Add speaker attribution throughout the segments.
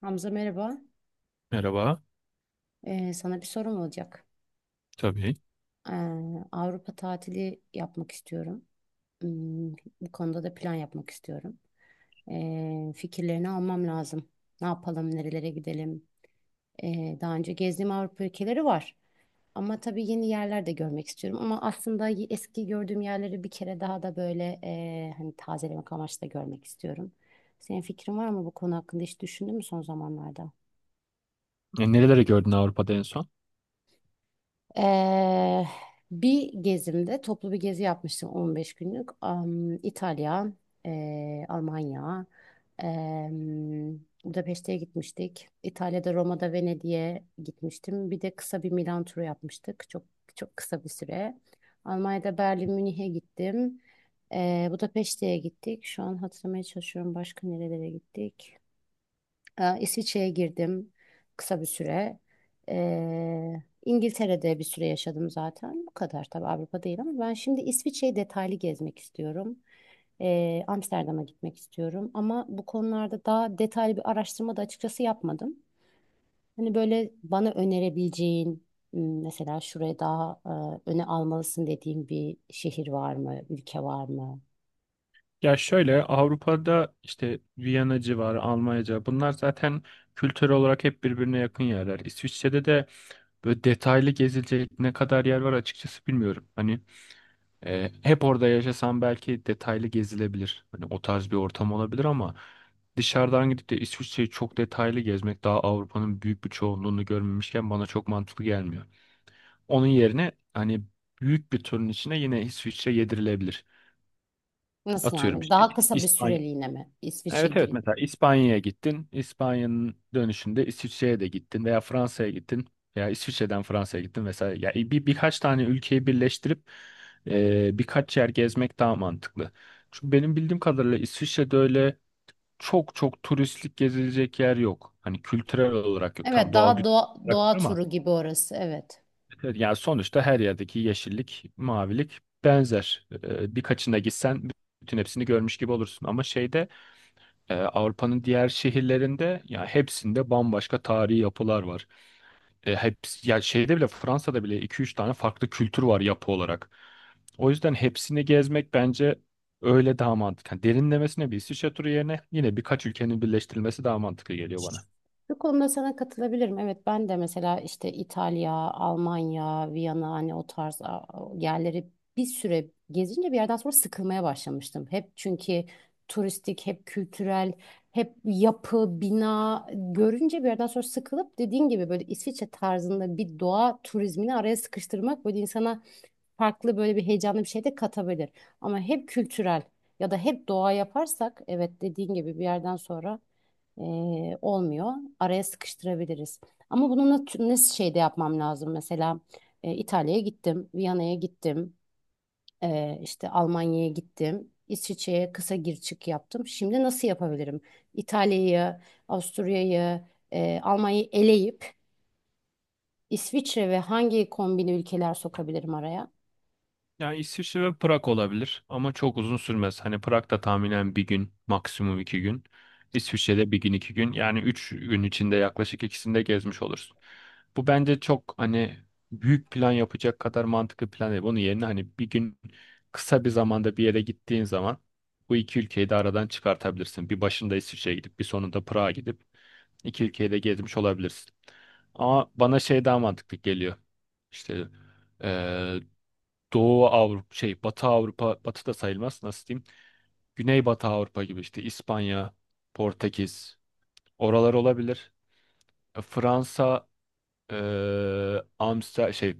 Speaker 1: Hamza merhaba.
Speaker 2: Merhaba.
Speaker 1: Sana bir sorum olacak.
Speaker 2: Tabii.
Speaker 1: Ee, Avrupa tatili yapmak istiyorum. Hmm, Bu konuda da plan yapmak istiyorum. Fikirlerini almam lazım. Ne yapalım, nerelere gidelim? Daha önce gezdiğim Avrupa ülkeleri var. Ama tabii yeni yerler de görmek istiyorum. Ama aslında eski gördüğüm yerleri bir kere daha da böyle hani tazelemek amaçlı da görmek istiyorum. Senin fikrin var mı bu konu hakkında? Hiç düşündün mü son zamanlarda?
Speaker 2: Nereleri gördün Avrupa'da en son?
Speaker 1: Ee, Bir gezimde toplu bir gezi yapmıştım 15 günlük. İtalya, Almanya, em, Budapeşte'ye gitmiştik. İtalya'da Roma'da Venedik'e gitmiştim. Bir de kısa bir Milan turu yapmıştık. Çok çok kısa bir süre. Almanya'da Berlin, Münih'e gittim. Budapeşte'ye gittik. Şu an hatırlamaya çalışıyorum başka nerelere gittik. İsviçre'ye girdim kısa bir süre. İngiltere'de bir süre yaşadım zaten. Bu kadar tabii Avrupa değil ama ben şimdi İsviçre'yi detaylı gezmek istiyorum. Amsterdam'a gitmek istiyorum. Ama bu konularda daha detaylı bir araştırma da açıkçası yapmadım. Hani böyle bana önerebileceğin mesela şuraya daha öne almalısın dediğin bir şehir var mı, ülke var mı?
Speaker 2: Ya şöyle, Avrupa'da işte Viyana civarı, Almanyaca, bunlar zaten kültürel olarak hep birbirine yakın yerler. İsviçre'de de böyle detaylı gezilecek ne kadar yer var açıkçası bilmiyorum. Hani hep orada yaşasam belki detaylı gezilebilir. Hani o tarz bir ortam olabilir, ama dışarıdan gidip de İsviçre'yi çok detaylı gezmek, daha Avrupa'nın büyük bir çoğunluğunu görmemişken, bana çok mantıklı gelmiyor. Onun yerine hani büyük bir turun içine yine İsviçre yedirilebilir.
Speaker 1: Nasıl
Speaker 2: Atıyorum,
Speaker 1: yani?
Speaker 2: işte
Speaker 1: Daha kısa bir
Speaker 2: İspanya.
Speaker 1: süreliğine mi İsviçre?
Speaker 2: Evet, evet, mesela İspanya'ya gittin. İspanya'nın dönüşünde İsviçre'ye de gittin veya Fransa'ya gittin, veya İsviçre'den Fransa'ya gittin vesaire. Ya birkaç tane ülkeyi birleştirip birkaç yer gezmek daha mantıklı. Çünkü benim bildiğim kadarıyla İsviçre'de öyle çok çok turistlik gezilecek yer yok. Hani kültürel olarak yok. Tam
Speaker 1: Evet,
Speaker 2: doğal
Speaker 1: daha
Speaker 2: güzellik
Speaker 1: doğa,
Speaker 2: olarak
Speaker 1: doğa
Speaker 2: var ama.
Speaker 1: turu gibi orası, evet.
Speaker 2: Evet. Yani sonuçta her yerdeki yeşillik, mavilik benzer. Birkaçına gitsen bütün hepsini görmüş gibi olursun. Ama Avrupa'nın diğer şehirlerinde, ya hepsinde bambaşka tarihi yapılar var. Hepsi, ya şeyde bile, Fransa'da bile iki üç tane farklı kültür var yapı olarak. O yüzden hepsini gezmek bence öyle daha mantıklı. Yani derinlemesine bir İsviçre turu yerine, yine birkaç ülkenin birleştirilmesi daha mantıklı geliyor bana.
Speaker 1: Bu konuda sana katılabilirim. Evet, ben de mesela işte İtalya, Almanya, Viyana hani o tarz yerleri bir süre gezince bir yerden sonra sıkılmaya başlamıştım. Hep çünkü turistik, hep kültürel, hep yapı, bina görünce bir yerden sonra sıkılıp dediğin gibi böyle İsviçre tarzında bir doğa turizmini araya sıkıştırmak böyle insana farklı böyle bir heyecanlı bir şey de katabilir. Ama hep kültürel ya da hep doğa yaparsak, evet, dediğin gibi bir yerden sonra e, olmuyor. Araya sıkıştırabiliriz. Ama bunu nasıl şeyde yapmam lazım? Mesela İtalya'ya gittim, Viyana'ya gittim, işte Almanya'ya gittim. İsviçre'ye kısa gir çık yaptım. Şimdi nasıl yapabilirim? İtalya'yı, Avusturya'yı, Almanya'yı eleyip İsviçre ve hangi kombine ülkeler sokabilirim araya?
Speaker 2: Yani İsviçre ve Prag olabilir, ama çok uzun sürmez. Hani Prag'da tahminen bir gün, maksimum 2 gün. İsviçre'de 1 gün, 2 gün. Yani 3 gün içinde yaklaşık ikisini de gezmiş olursun. Bu bence çok hani, büyük plan yapacak kadar mantıklı plan değil. Bunun yerine hani bir gün, kısa bir zamanda bir yere gittiğin zaman bu 2 ülkeyi de aradan çıkartabilirsin. Bir başında İsviçre'ye gidip bir sonunda Prag'a gidip 2 ülkeyi de gezmiş olabilirsin. Ama bana şey daha mantıklı geliyor. İşte eee, Doğu Avrupa, Batı Avrupa, Batı da sayılmaz, nasıl diyeyim, Güneybatı Avrupa gibi işte. İspanya, Portekiz, oralar olabilir. Fransa, e, Amsterdam,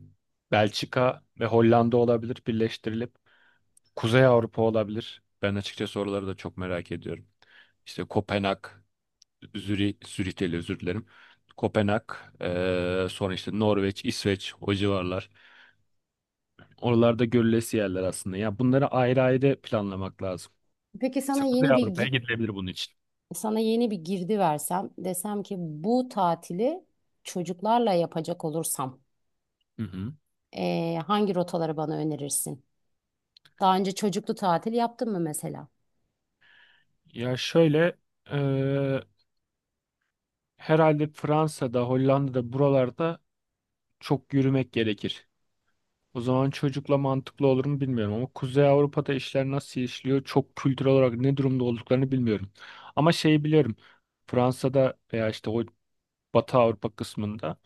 Speaker 2: Belçika ve Hollanda olabilir birleştirilip. Kuzey Avrupa olabilir, ben açıkçası oraları da çok merak ediyorum. İşte Kopenhag, Zürih, Zürih değil, özür dilerim, Kopenhag, sonra işte Norveç, İsveç, o civarlar. Oralarda görülesi yerler aslında. Ya bunları ayrı ayrı planlamak lazım.
Speaker 1: Peki sana
Speaker 2: Mesela
Speaker 1: yeni
Speaker 2: Kuzey
Speaker 1: bir
Speaker 2: Avrupa'ya gidilebilir bunun için.
Speaker 1: sana yeni bir girdi versem, desem ki bu tatili çocuklarla yapacak olursam
Speaker 2: Hı hı.
Speaker 1: hangi rotaları bana önerirsin? Daha önce çocuklu tatil yaptın mı mesela?
Speaker 2: Ya şöyle, eee, herhalde Fransa'da, Hollanda'da, buralarda çok yürümek gerekir. O zaman çocukla mantıklı olur mu bilmiyorum, ama Kuzey Avrupa'da işler nasıl işliyor, çok kültürel olarak ne durumda olduklarını bilmiyorum. Ama şeyi biliyorum. Fransa'da veya işte o Batı Avrupa kısmında,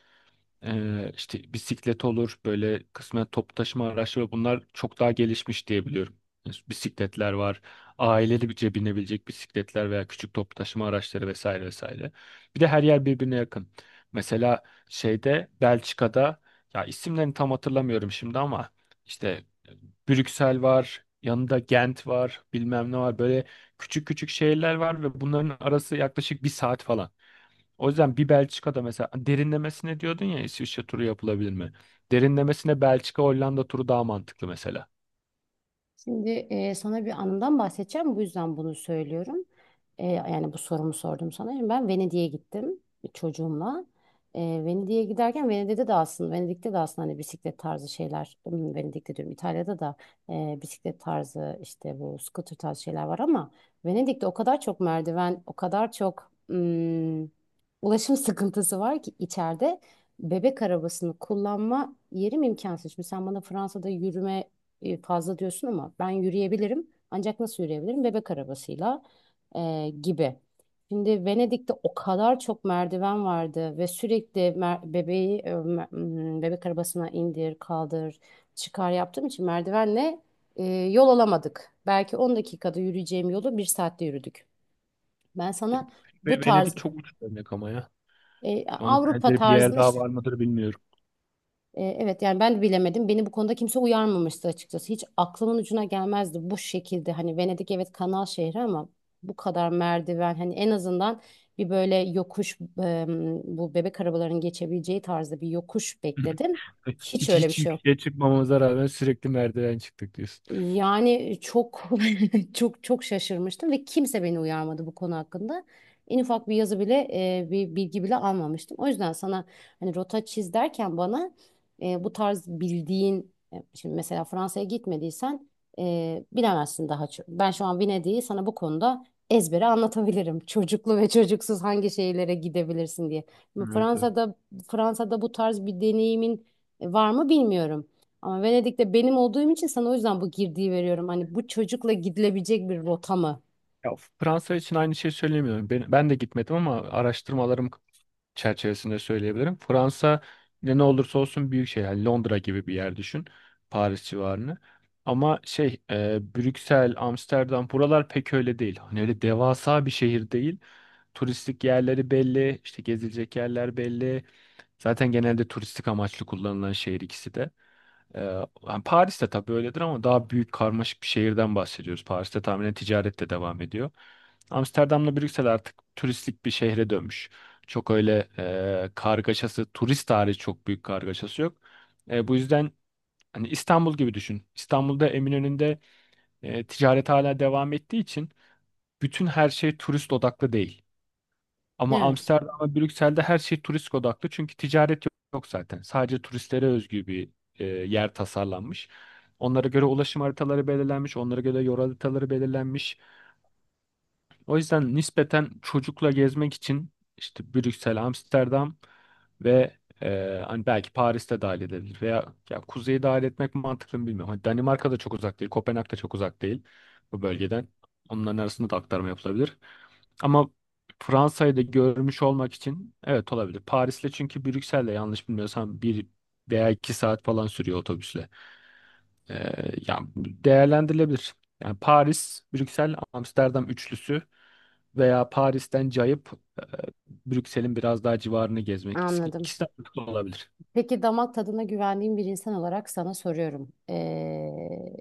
Speaker 2: İşte bisiklet olur, böyle kısmen toplu taşıma araçları, bunlar çok daha gelişmiş diye biliyorum. Yani bisikletler var. Aileli bir binebilecek bisikletler veya küçük toplu taşıma araçları vesaire vesaire. Bir de her yer birbirine yakın. Mesela Belçika'da, ya isimlerini tam hatırlamıyorum şimdi, ama işte Brüksel var, yanında Gent var, bilmem ne var. Böyle küçük küçük şehirler var ve bunların arası yaklaşık bir saat falan. O yüzden bir Belçika'da mesela, derinlemesine diyordun ya, İsviçre turu yapılabilir mi? Derinlemesine Belçika Hollanda turu daha mantıklı mesela.
Speaker 1: Şimdi sana bir anımdan bahsedeceğim. Bu yüzden bunu söylüyorum. Yani bu sorumu sordum sana. Şimdi ben Venedik'e gittim çocuğumla. E, Venedik'e giderken Venedik'te de aslında hani bisiklet tarzı şeyler, Venedik'te diyorum, İtalya'da da bisiklet tarzı işte bu scooter tarzı şeyler var ama Venedik'te o kadar çok merdiven, o kadar çok ulaşım sıkıntısı var ki içeride bebek arabasını kullanma yerim imkansız. Şimdi sen bana Fransa'da yürüme fazla diyorsun ama ben yürüyebilirim. Ancak nasıl yürüyebilirim? Bebek arabasıyla gibi. Şimdi Venedik'te o kadar çok merdiven vardı ve sürekli bebeği bebek arabasına indir, kaldır, çıkar yaptığım için merdivenle yol alamadık. Belki 10 dakikada yürüyeceğim yolu 1 saatte yürüdük. Ben sana
Speaker 2: Yap- Ve
Speaker 1: bu
Speaker 2: Venedik
Speaker 1: tarz
Speaker 2: çok uç örnek ama ya. Onun
Speaker 1: Avrupa
Speaker 2: benzeri bir yer
Speaker 1: tarzında
Speaker 2: daha
Speaker 1: işte...
Speaker 2: var mıdır bilmiyorum.
Speaker 1: Evet, yani ben de bilemedim. Beni bu konuda kimse uyarmamıştı açıkçası. Hiç aklımın ucuna gelmezdi bu şekilde. Hani Venedik evet kanal şehri ama bu kadar merdiven, hani en azından bir böyle yokuş bu bebek arabalarının geçebileceği tarzda bir yokuş bekledim. Hiç
Speaker 2: Hiç
Speaker 1: öyle bir
Speaker 2: hiç
Speaker 1: şey yok.
Speaker 2: yükseğe çıkmamamıza rağmen sürekli merdiven çıktık diyorsun.
Speaker 1: Yani çok çok çok şaşırmıştım ve kimse beni uyarmadı bu konu hakkında. En ufak bir yazı bile, bir bilgi bile almamıştım. O yüzden sana hani rota çiz derken bana bu tarz bildiğin, şimdi mesela Fransa'ya gitmediysen bilemezsin daha çok. Ben şu an Venedik'i sana bu konuda ezbere anlatabilirim. Çocuklu ve çocuksuz hangi şehirlere gidebilirsin diye. Şimdi
Speaker 2: Evet, evet.
Speaker 1: Fransa'da, Fransa'da bu tarz bir deneyimin var mı bilmiyorum. Ama Venedik'te benim olduğum için sana o yüzden bu girdiği veriyorum. Hani bu çocukla gidilebilecek bir rota mı?
Speaker 2: Ya, Fransa için aynı şeyi söyleyemiyorum. Ben de gitmedim, ama araştırmalarım çerçevesinde söyleyebilirim. Fransa ne ne olursa olsun büyük şehir. Yani Londra gibi bir yer düşün. Paris civarını. Ama Brüksel, Amsterdam, buralar pek öyle değil. Hani öyle devasa bir şehir değil. Turistik yerleri belli, işte gezilecek yerler belli. Zaten genelde turistik amaçlı kullanılan şehir ikisi de. Ee, Yani Paris'te tabii öyledir, ama daha büyük karmaşık bir şehirden bahsediyoruz. Paris'te tahminen ticaret de devam ediyor. Amsterdam'la Brüksel artık turistik bir şehre dönmüş. Çok öyle kargaşası, turist hariç çok büyük kargaşası yok. Bu yüzden hani İstanbul gibi düşün. İstanbul'da Eminönü'nde ticaret hala devam ettiği için bütün her şey turist odaklı değil. Ama
Speaker 1: Evet,
Speaker 2: Amsterdam ve Brüksel'de her şey turist odaklı. Çünkü ticaret yok zaten. Sadece turistlere özgü bir yer tasarlanmış. Onlara göre ulaşım haritaları belirlenmiş. Onlara göre yol haritaları belirlenmiş. O yüzden nispeten çocukla gezmek için işte Brüksel, Amsterdam ve hani belki Paris'te dahil edilir. Veya ya kuzeyi dahil etmek mantıklı mı bilmiyorum. Hani Danimarka da çok uzak değil. Kopenhag da çok uzak değil bu bölgeden. Onların arasında da aktarma yapılabilir. Ama Fransa'yı da görmüş olmak için evet, olabilir. Paris'le, çünkü Brüksel'le yanlış bilmiyorsam bir veya 2 saat falan sürüyor otobüsle. Ee, yani değerlendirilebilir. Yani Paris, Brüksel, Amsterdam üçlüsü, veya Paris'ten cayıp e, Brüksel'in biraz daha civarını gezmek. İkisi
Speaker 1: anladım.
Speaker 2: ikisi de mantıklı olabilir.
Speaker 1: Peki damak tadına güvendiğim bir insan olarak sana soruyorum.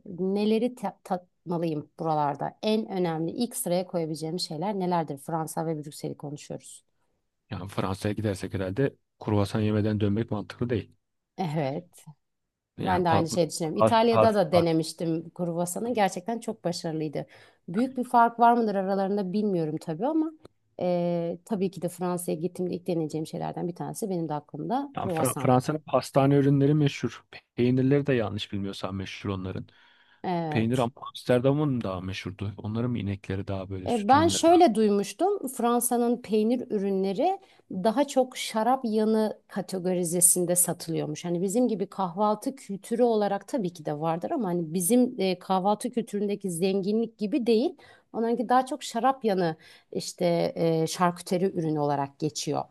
Speaker 1: Neleri tatmalıyım buralarda? En önemli ilk sıraya koyabileceğim şeyler nelerdir? Fransa ve Brüksel'i konuşuyoruz.
Speaker 2: Yani Fransa'ya gidersek herhalde kruvasan yemeden dönmek mantıklı değil.
Speaker 1: Evet.
Speaker 2: Yani
Speaker 1: Ben de aynı şey düşünüyorum.
Speaker 2: pas,
Speaker 1: İtalya'da da
Speaker 2: pas,
Speaker 1: denemiştim kruvasanı. Gerçekten çok başarılıydı. Büyük bir fark var mıdır aralarında bilmiyorum tabii ama tabii ki de Fransa'ya gittiğimde ilk deneyeceğim şeylerden bir tanesi benim de aklımda
Speaker 2: tam
Speaker 1: kruvasan.
Speaker 2: Fransa'nın pastane ürünleri meşhur. Peynirleri de yanlış bilmiyorsam meşhur onların. Peynir
Speaker 1: Evet.
Speaker 2: Amsterdam'ın daha meşhurdu. Onların mı inekleri daha böyle süt
Speaker 1: Ben
Speaker 2: ürünleri.
Speaker 1: şöyle duymuştum. Fransa'nın peynir ürünleri daha çok şarap yanı kategorizesinde satılıyormuş. Hani bizim gibi kahvaltı kültürü olarak tabii ki de vardır ama hani bizim kahvaltı kültüründeki zenginlik gibi değil. Onlarınki daha çok şarap yanı işte şarküteri ürünü olarak geçiyor.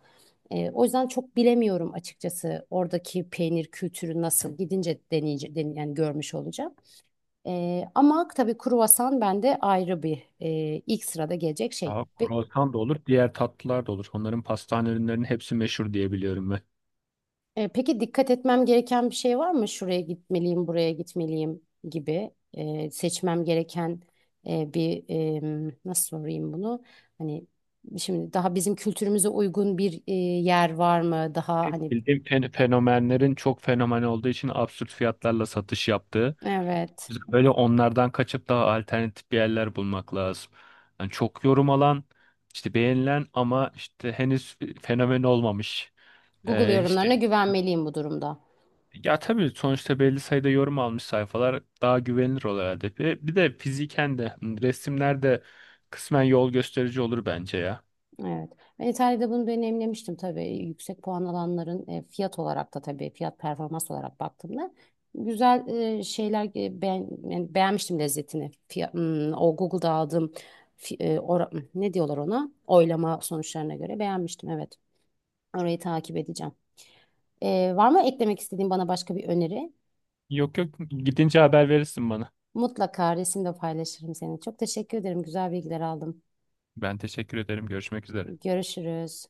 Speaker 1: O yüzden çok bilemiyorum açıkçası oradaki peynir kültürü nasıl, gidince yani görmüş olacağım. Ama tabii kruvasan bende ayrı bir, ilk sırada gelecek şey.
Speaker 2: Daha kruvasan da olur, diğer tatlılar da olur. Onların pastane ürünlerinin hepsi meşhur diye biliyorum ben.
Speaker 1: Peki dikkat etmem gereken bir şey var mı? Şuraya gitmeliyim, buraya gitmeliyim gibi, seçmem gereken bir nasıl sorayım bunu? Hani şimdi daha bizim kültürümüze uygun bir, yer var mı? Daha
Speaker 2: Tek
Speaker 1: hani,
Speaker 2: bildiğim, fenomenlerin çok fenomen olduğu için absürt fiyatlarla satış yaptığı.
Speaker 1: evet.
Speaker 2: Biz böyle onlardan kaçıp daha alternatif bir yerler bulmak lazım. Yani çok yorum alan, işte beğenilen, ama işte henüz fenomen olmamış.
Speaker 1: Google
Speaker 2: Ee, işte
Speaker 1: yorumlarına güvenmeliyim bu durumda.
Speaker 2: Ya tabii sonuçta belli sayıda yorum almış sayfalar daha güvenilir olur herhalde. Bir de fiziken de hani resimler de kısmen yol gösterici olur bence ya.
Speaker 1: Evet. Ben İtalya'da bunu deneyimlemiştim tabii. Yüksek puan alanların fiyat olarak da tabii, fiyat performans olarak baktığımda güzel şeyler yani beğenmiştim lezzetini. Fiyat, o Google'da aldığım fi- e, ora- ne diyorlar ona? Oylama sonuçlarına göre beğenmiştim, evet. Orayı takip edeceğim. Var mı eklemek istediğin bana başka bir öneri?
Speaker 2: Yok yok, gidince haber verirsin bana.
Speaker 1: Mutlaka resimde paylaşırım seni. Çok teşekkür ederim. Güzel bilgiler aldım.
Speaker 2: Ben teşekkür ederim. Görüşmek üzere.
Speaker 1: Görüşürüz.